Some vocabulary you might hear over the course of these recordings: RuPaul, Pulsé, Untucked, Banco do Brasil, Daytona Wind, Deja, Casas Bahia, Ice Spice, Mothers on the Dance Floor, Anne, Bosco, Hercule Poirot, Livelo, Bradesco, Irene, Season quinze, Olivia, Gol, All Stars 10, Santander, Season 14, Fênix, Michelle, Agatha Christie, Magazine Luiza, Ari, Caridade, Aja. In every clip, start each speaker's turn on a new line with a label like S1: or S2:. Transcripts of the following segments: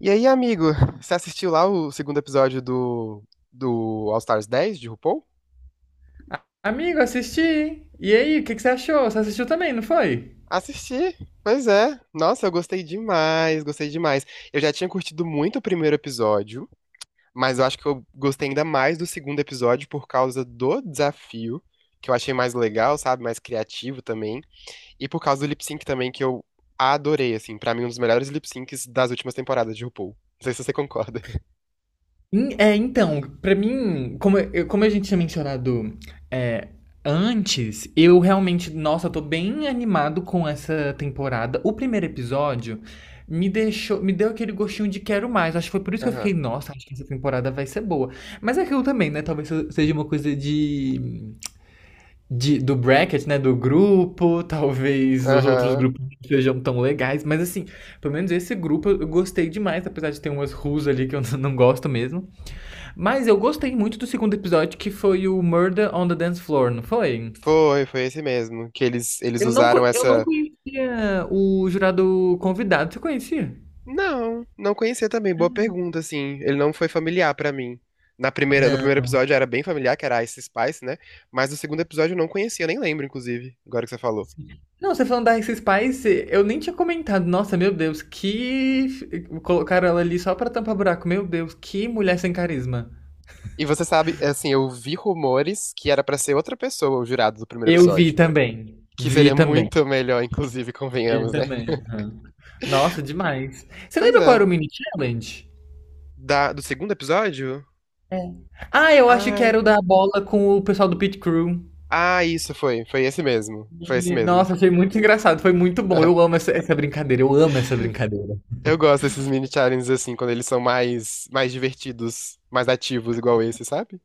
S1: E aí, amigo, você assistiu lá o segundo episódio do All Stars 10 de RuPaul?
S2: Amigo, assisti. E aí, o que que você achou? Você assistiu também, não foi?
S1: Assisti, pois é. Nossa, eu gostei demais, gostei demais. Eu já tinha curtido muito o primeiro episódio, mas eu acho que eu gostei ainda mais do segundo episódio por causa do desafio, que eu achei mais legal, sabe? Mais criativo também. E por causa do lip sync também, que eu adorei, assim. Pra mim, um dos melhores lip syncs das últimas temporadas de RuPaul. Não sei se você concorda.
S2: Então, pra mim, como, como a gente tinha mencionado é, antes, eu realmente, nossa, eu tô bem animado com essa temporada. O primeiro episódio me deixou, me deu aquele gostinho de quero mais. Acho que foi por isso que eu fiquei, nossa, acho que essa temporada vai ser boa. Mas é aquilo também, né? Talvez seja uma coisa do bracket, né, do grupo, talvez os
S1: Aham,
S2: outros
S1: aham.
S2: grupos não sejam tão legais, mas assim, pelo menos esse grupo eu gostei demais, apesar de ter umas ruas ali que eu não gosto mesmo. Mas eu gostei muito do segundo episódio, que foi o Murder on the Dance Floor, não foi?
S1: Foi, foi esse mesmo, que eles usaram
S2: Eu não
S1: essa.
S2: conhecia o jurado convidado, você conhecia?
S1: Não, não conhecia também. Boa pergunta, assim. Ele não foi familiar pra mim. Na primeira, no
S2: Não.
S1: primeiro episódio era bem familiar, que era Ice Spice, né? Mas no segundo episódio eu não conhecia, eu nem lembro, inclusive, agora que você falou.
S2: Não, você falando da Ice Spice, eu nem tinha comentado. Nossa, meu Deus, que. Colocaram ela ali só pra tampar buraco. Meu Deus, que mulher sem carisma.
S1: E você sabe, é assim, eu vi rumores que era pra ser outra pessoa o jurado do primeiro
S2: Eu vi
S1: episódio.
S2: também.
S1: Que
S2: Vi
S1: seria
S2: também.
S1: muito melhor, inclusive,
S2: Vi
S1: convenhamos, né?
S2: também. Aham. Nossa, demais. Você
S1: Pois
S2: lembra qual era
S1: é.
S2: o mini challenge?
S1: Do segundo episódio?
S2: Ah, eu acho que era
S1: Ai.
S2: o da bola com o pessoal do Pit Crew.
S1: Ah, isso foi. Foi esse mesmo. Foi esse
S2: E,
S1: mesmo.
S2: nossa, achei muito engraçado. Foi muito bom. Eu amo essa, essa brincadeira. Eu amo essa brincadeira.
S1: Eu gosto desses mini challenges assim, quando eles são mais divertidos, mais ativos, igual esse, sabe?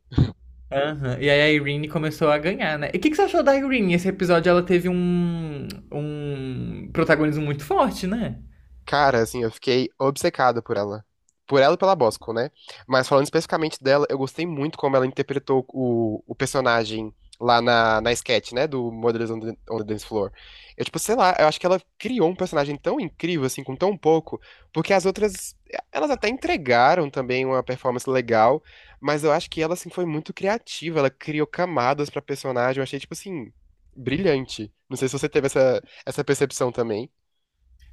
S2: Aham. E aí a Irene começou a ganhar, né? E o que, que você achou da Irene? Esse episódio ela teve um protagonismo muito forte, né?
S1: Cara, assim, eu fiquei obcecado por ela. Por ela e pela Bosco, né? Mas falando especificamente dela, eu gostei muito como ela interpretou o personagem lá na sketch, né? Do Mothers on the Dance Floor. Eu, tipo, sei lá, eu acho que ela criou um personagem tão incrível, assim, com tão pouco, porque as outras, elas até entregaram também uma performance legal, mas eu acho que ela, assim, foi muito criativa. Ela criou camadas pra personagem. Eu achei, tipo, assim, brilhante. Não sei se você teve essa percepção também.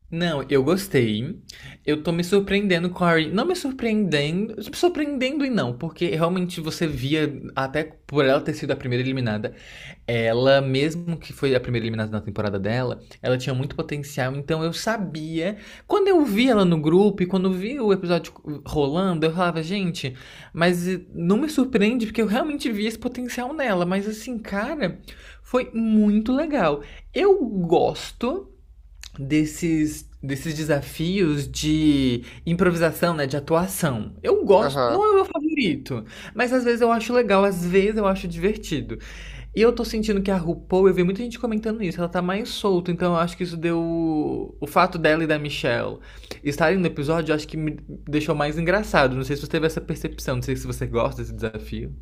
S2: Não, eu gostei. Eu tô me surpreendendo com a Ari. Não me surpreendendo. Me surpreendendo e não, porque realmente você via, até por ela ter sido a primeira eliminada, ela, mesmo que foi a primeira eliminada na temporada dela, ela tinha muito potencial. Então eu sabia. Quando eu vi ela no grupo e quando vi o episódio rolando, eu falava, gente, mas não me surpreende, porque eu realmente vi esse potencial nela. Mas assim, cara, foi muito legal. Eu gosto desses desafios de improvisação, né, de atuação. Eu gosto,
S1: Aham.
S2: não é o meu favorito, mas às vezes eu acho legal, às vezes eu acho divertido. E eu tô sentindo que a RuPaul, eu vi muita gente comentando isso, ela tá mais solta, então eu acho que isso deu o fato dela e da Michelle estarem no episódio, eu acho que me deixou mais engraçado. Não sei se você teve essa percepção, não sei se você gosta desse desafio.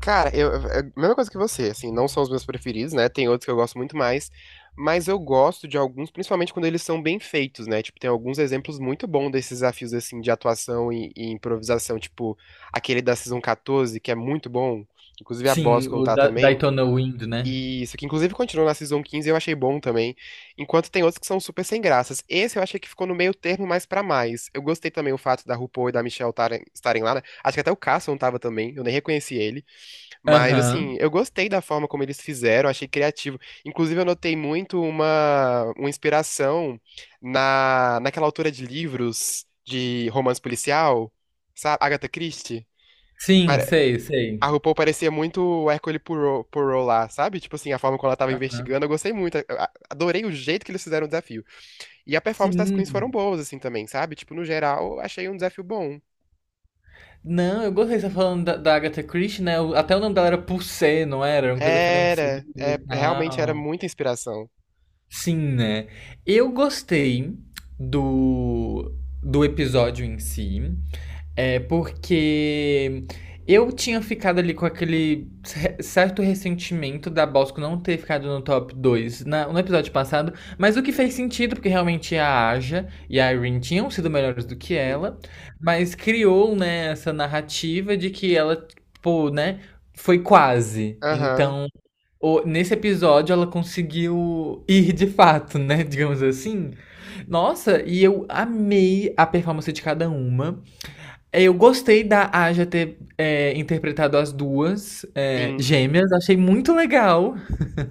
S1: Cara, eu é a mesma coisa que você, assim, não são os meus preferidos, né? Tem outros que eu gosto muito mais, mas eu gosto de alguns, principalmente quando eles são bem feitos, né? Tipo, tem alguns exemplos muito bons desses desafios, assim, de atuação e improvisação, tipo, aquele da Season 14, que é muito bom, inclusive a
S2: Sim,
S1: Bosco
S2: o
S1: tá
S2: da
S1: também,
S2: Daytona Wind, né?
S1: e isso que inclusive continuou na Season quinze eu achei bom também, enquanto tem outros que são super sem graças. Esse eu achei que ficou no meio termo mais pra mais. Eu gostei também o fato da RuPaul e da Michelle estarem lá, né? Acho que até o Carson tava também, eu nem reconheci ele. Mas, assim,
S2: Aham.
S1: eu gostei da forma como eles fizeram, achei criativo. Inclusive, eu notei muito uma inspiração na, naquela autora de livros de romance policial, sabe? Agatha Christie.
S2: Sim,
S1: Pare-
S2: sei,
S1: A
S2: sei.
S1: RuPaul parecia muito o Hercule Poirot, Poirot lá, sabe? Tipo assim, a forma como ela tava
S2: Aham.
S1: investigando, eu gostei muito. Adorei o jeito que eles fizeram o desafio. E a performance das queens foram
S2: Sim.
S1: boas, assim, também, sabe? Tipo, no geral, eu achei um desafio bom.
S2: Não, eu gostei, você tá falando da Agatha Christie, né? Até o nome dela era Pulsé, não era? Era uma coisa francesa
S1: Era,
S2: e
S1: é, realmente era
S2: tal.
S1: muita inspiração.
S2: Sim, né? Eu gostei do, do episódio em si. É porque eu tinha ficado ali com aquele certo ressentimento da Bosco não ter ficado no top 2 no episódio passado, mas o que fez sentido, porque realmente a Aja e a Irene tinham sido melhores do que
S1: Sim.
S2: ela, mas criou, né, essa narrativa de que ela, pô, né, foi quase.
S1: Aham.
S2: Então, nesse episódio ela conseguiu ir de fato, né, digamos assim. Nossa, e eu amei a performance de cada uma. Eu gostei da Aja ter interpretado as duas
S1: Sim.
S2: gêmeas, achei muito legal.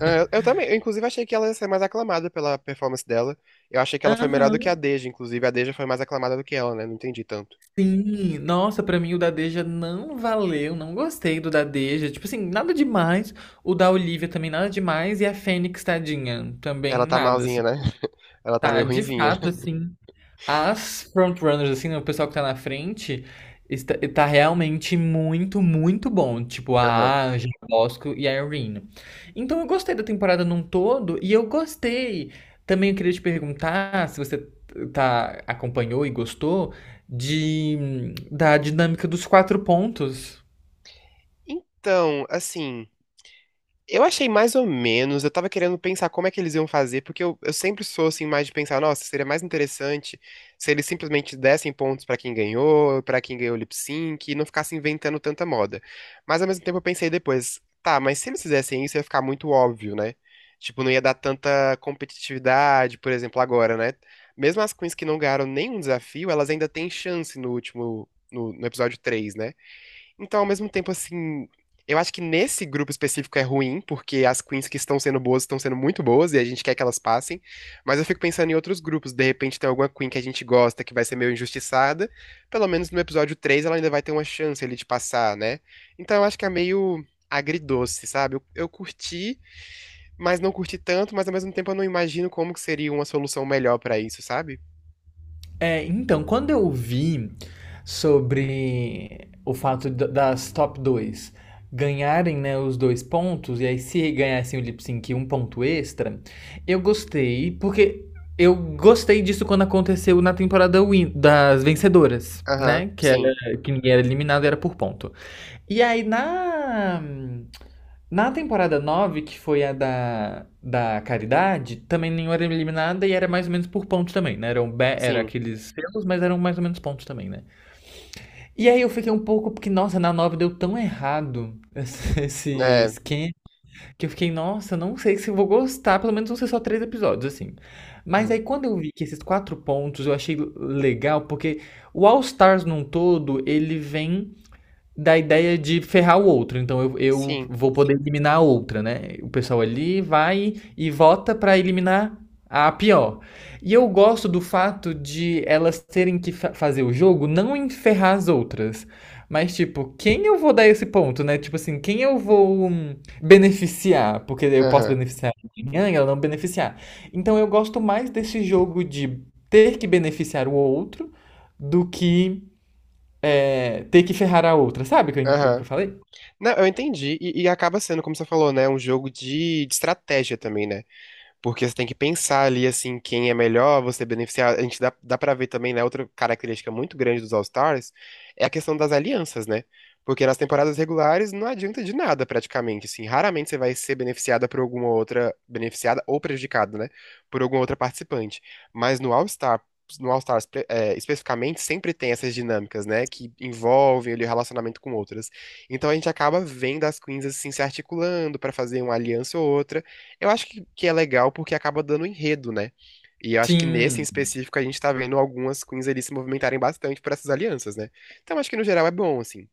S1: É, eu também, eu inclusive achei que ela ia ser mais aclamada pela performance dela. Eu achei que ela foi melhor do que a
S2: Aham,
S1: Deja, inclusive a Deja foi mais aclamada do que ela, né? Não entendi tanto.
S2: sim. Nossa, pra mim o da Deja não valeu, não gostei do da Deja. Tipo assim, nada demais. O da Olivia também nada demais. E a Fênix, tadinha, também
S1: Ela tá
S2: nada, assim.
S1: malzinha, né? Ela tá
S2: Tá,
S1: meio
S2: de
S1: ruinzinha.
S2: fato, assim. As frontrunners, assim, né, o pessoal que tá na frente, está, tá realmente muito, muito bom. Tipo,
S1: Aham.
S2: a Aja, a Bosco e a Irene. Então eu gostei da temporada num todo e eu gostei. Também eu queria te perguntar se você tá, acompanhou e gostou de, da dinâmica dos 4 pontos.
S1: Então, assim. Eu achei mais ou menos, eu tava querendo pensar como é que eles iam fazer, porque eu sempre sou assim mais de pensar, nossa, seria mais interessante se eles simplesmente dessem pontos pra quem ganhou o lip sync, e não ficassem inventando tanta moda. Mas ao mesmo tempo eu pensei depois, tá, mas se eles fizessem isso ia ficar muito óbvio, né? Tipo, não ia dar tanta competitividade, por exemplo, agora, né? Mesmo as queens que não ganharam nenhum desafio, elas ainda têm chance no último, no episódio 3, né? Então, ao mesmo tempo, assim, eu acho que nesse grupo específico é ruim, porque as queens que estão sendo boas estão sendo muito boas e a gente quer que elas passem. Mas eu fico pensando em outros grupos. De repente tem alguma queen que a gente gosta que vai ser meio injustiçada. Pelo menos no episódio 3 ela ainda vai ter uma chance ali de passar, né? Então eu acho que é meio agridoce, sabe? Eu curti, mas não curti tanto, mas ao mesmo tempo eu não imagino como que seria uma solução melhor pra isso, sabe?
S2: É, então, quando eu vi sobre o fato das top 2 ganharem, né, os 2 pontos, e aí se ganhassem o lip sync um ponto extra, eu gostei, porque eu gostei disso quando aconteceu na temporada das vencedoras,
S1: Aham,
S2: né? Que
S1: sim,
S2: era que ninguém era eliminado, era por ponto. E aí na temporada 9 que foi a da Caridade, também nenhuma era eliminada e era mais ou menos por pontos também, né? Era
S1: sim.
S2: aqueles selos, mas eram mais ou menos pontos também, né? E aí eu fiquei um pouco, porque, nossa, na 9 deu tão errado esse esse
S1: É,
S2: esquema, que eu fiquei, nossa, não sei se eu vou gostar, pelo menos vão ser só 3 episódios, assim. Mas aí
S1: aham,
S2: quando eu vi que esses 4 pontos eu achei legal, porque o All Stars num todo, ele vem da ideia de ferrar o outro. Então eu
S1: sim,
S2: vou poder eliminar a outra, né? O pessoal ali vai e vota pra eliminar a pior. E eu gosto do fato de elas terem que fazer o jogo não enferrar as outras. Mas, tipo, quem eu vou dar esse ponto, né? Tipo assim, quem eu vou beneficiar? Porque eu posso
S1: aham,
S2: beneficiar amanhã e ela não beneficiar. Então eu gosto mais desse jogo de ter que beneficiar o outro do que ter que ferrar a outra, sabe o que
S1: aham.
S2: eu falei?
S1: Não, eu entendi. E acaba sendo, como você falou, né? Um jogo de estratégia também, né? Porque você tem que pensar ali, assim, quem é melhor, você beneficiar. A gente dá pra ver também, né? Outra característica muito grande dos All-Stars é a questão das alianças, né? Porque nas temporadas regulares não adianta de nada, praticamente, assim. Raramente você vai ser beneficiada por alguma outra. Beneficiada ou prejudicada, né? Por alguma outra participante. Mas no All-Star, no All-Stars, é, especificamente, sempre tem essas dinâmicas, né? Que envolvem ali o relacionamento com outras. Então a gente acaba vendo as queens, assim, se articulando pra fazer uma aliança ou outra. Eu acho que é legal porque acaba dando enredo, né? E eu acho que nesse em
S2: Sim.
S1: específico a gente tá vendo algumas queens ali se movimentarem bastante por essas alianças, né? Então acho que no geral é bom, assim.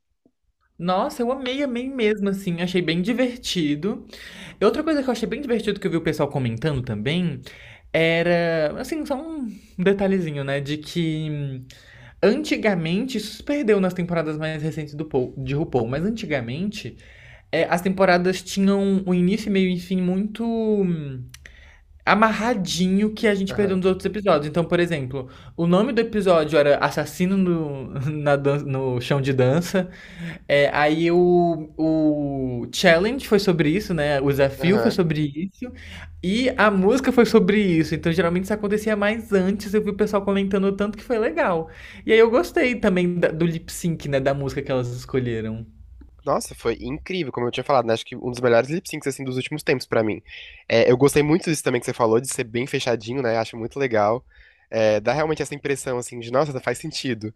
S2: Nossa, eu amei, amei mesmo, assim. Achei bem divertido. E outra coisa que eu achei bem divertido que eu vi o pessoal comentando também era, assim, só um detalhezinho, né? De que antigamente, isso se perdeu nas temporadas mais recentes do Paul, de RuPaul, mas antigamente as temporadas tinham um início, meio e fim muito amarradinho que a gente perdeu
S1: Aham.
S2: nos outros episódios. Então, por exemplo, o nome do episódio era Assassino no, no chão de dança. Aí o challenge foi sobre isso, né? O desafio foi
S1: Aham.
S2: sobre isso. E a música foi sobre isso. Então, geralmente isso acontecia mais antes. Eu vi o pessoal comentando o tanto que foi legal. E aí eu gostei também do lip sync, né? Da música que elas escolheram.
S1: Nossa, foi incrível, como eu tinha falado, né? Acho que um dos melhores lip syncs assim dos últimos tempos pra mim. É, eu gostei muito disso também que você falou, de ser bem fechadinho, né? Acho muito legal. É, dá realmente essa impressão assim de, nossa, faz sentido.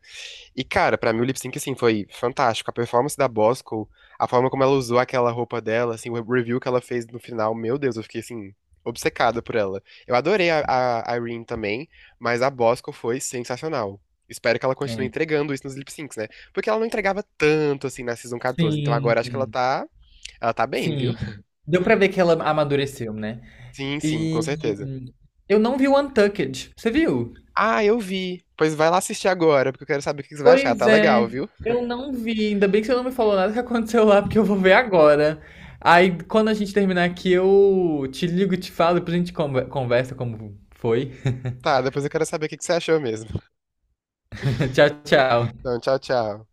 S1: E cara, pra mim o lip sync assim foi fantástico. A performance da Bosco, a forma como ela usou aquela roupa dela, assim, o review que ela fez no final, meu Deus, eu fiquei assim obcecada por ela. Eu adorei a Irene também, mas a Bosco foi sensacional. Espero que ela continue
S2: É.
S1: entregando isso nos lip syncs, né? Porque ela não entregava tanto assim na Season 14. Então
S2: Sim,
S1: agora acho que ela tá bem, viu?
S2: sim. Deu pra ver que ela amadureceu, né?
S1: Sim, sim, com
S2: E
S1: certeza.
S2: eu não vi o Untucked. Você viu?
S1: Ah, eu vi. Pois vai lá assistir agora, porque eu quero saber o que que você vai achar.
S2: Pois
S1: Tá legal,
S2: é,
S1: viu?
S2: eu não vi. Ainda bem que você não me falou nada que aconteceu lá, porque eu vou ver agora. Aí, quando a gente terminar aqui, eu te ligo, e te falo, depois a gente conversa como foi.
S1: Tá, depois eu quero saber o que que você achou mesmo.
S2: Tchau, tchau.
S1: Então, tchau, tchau.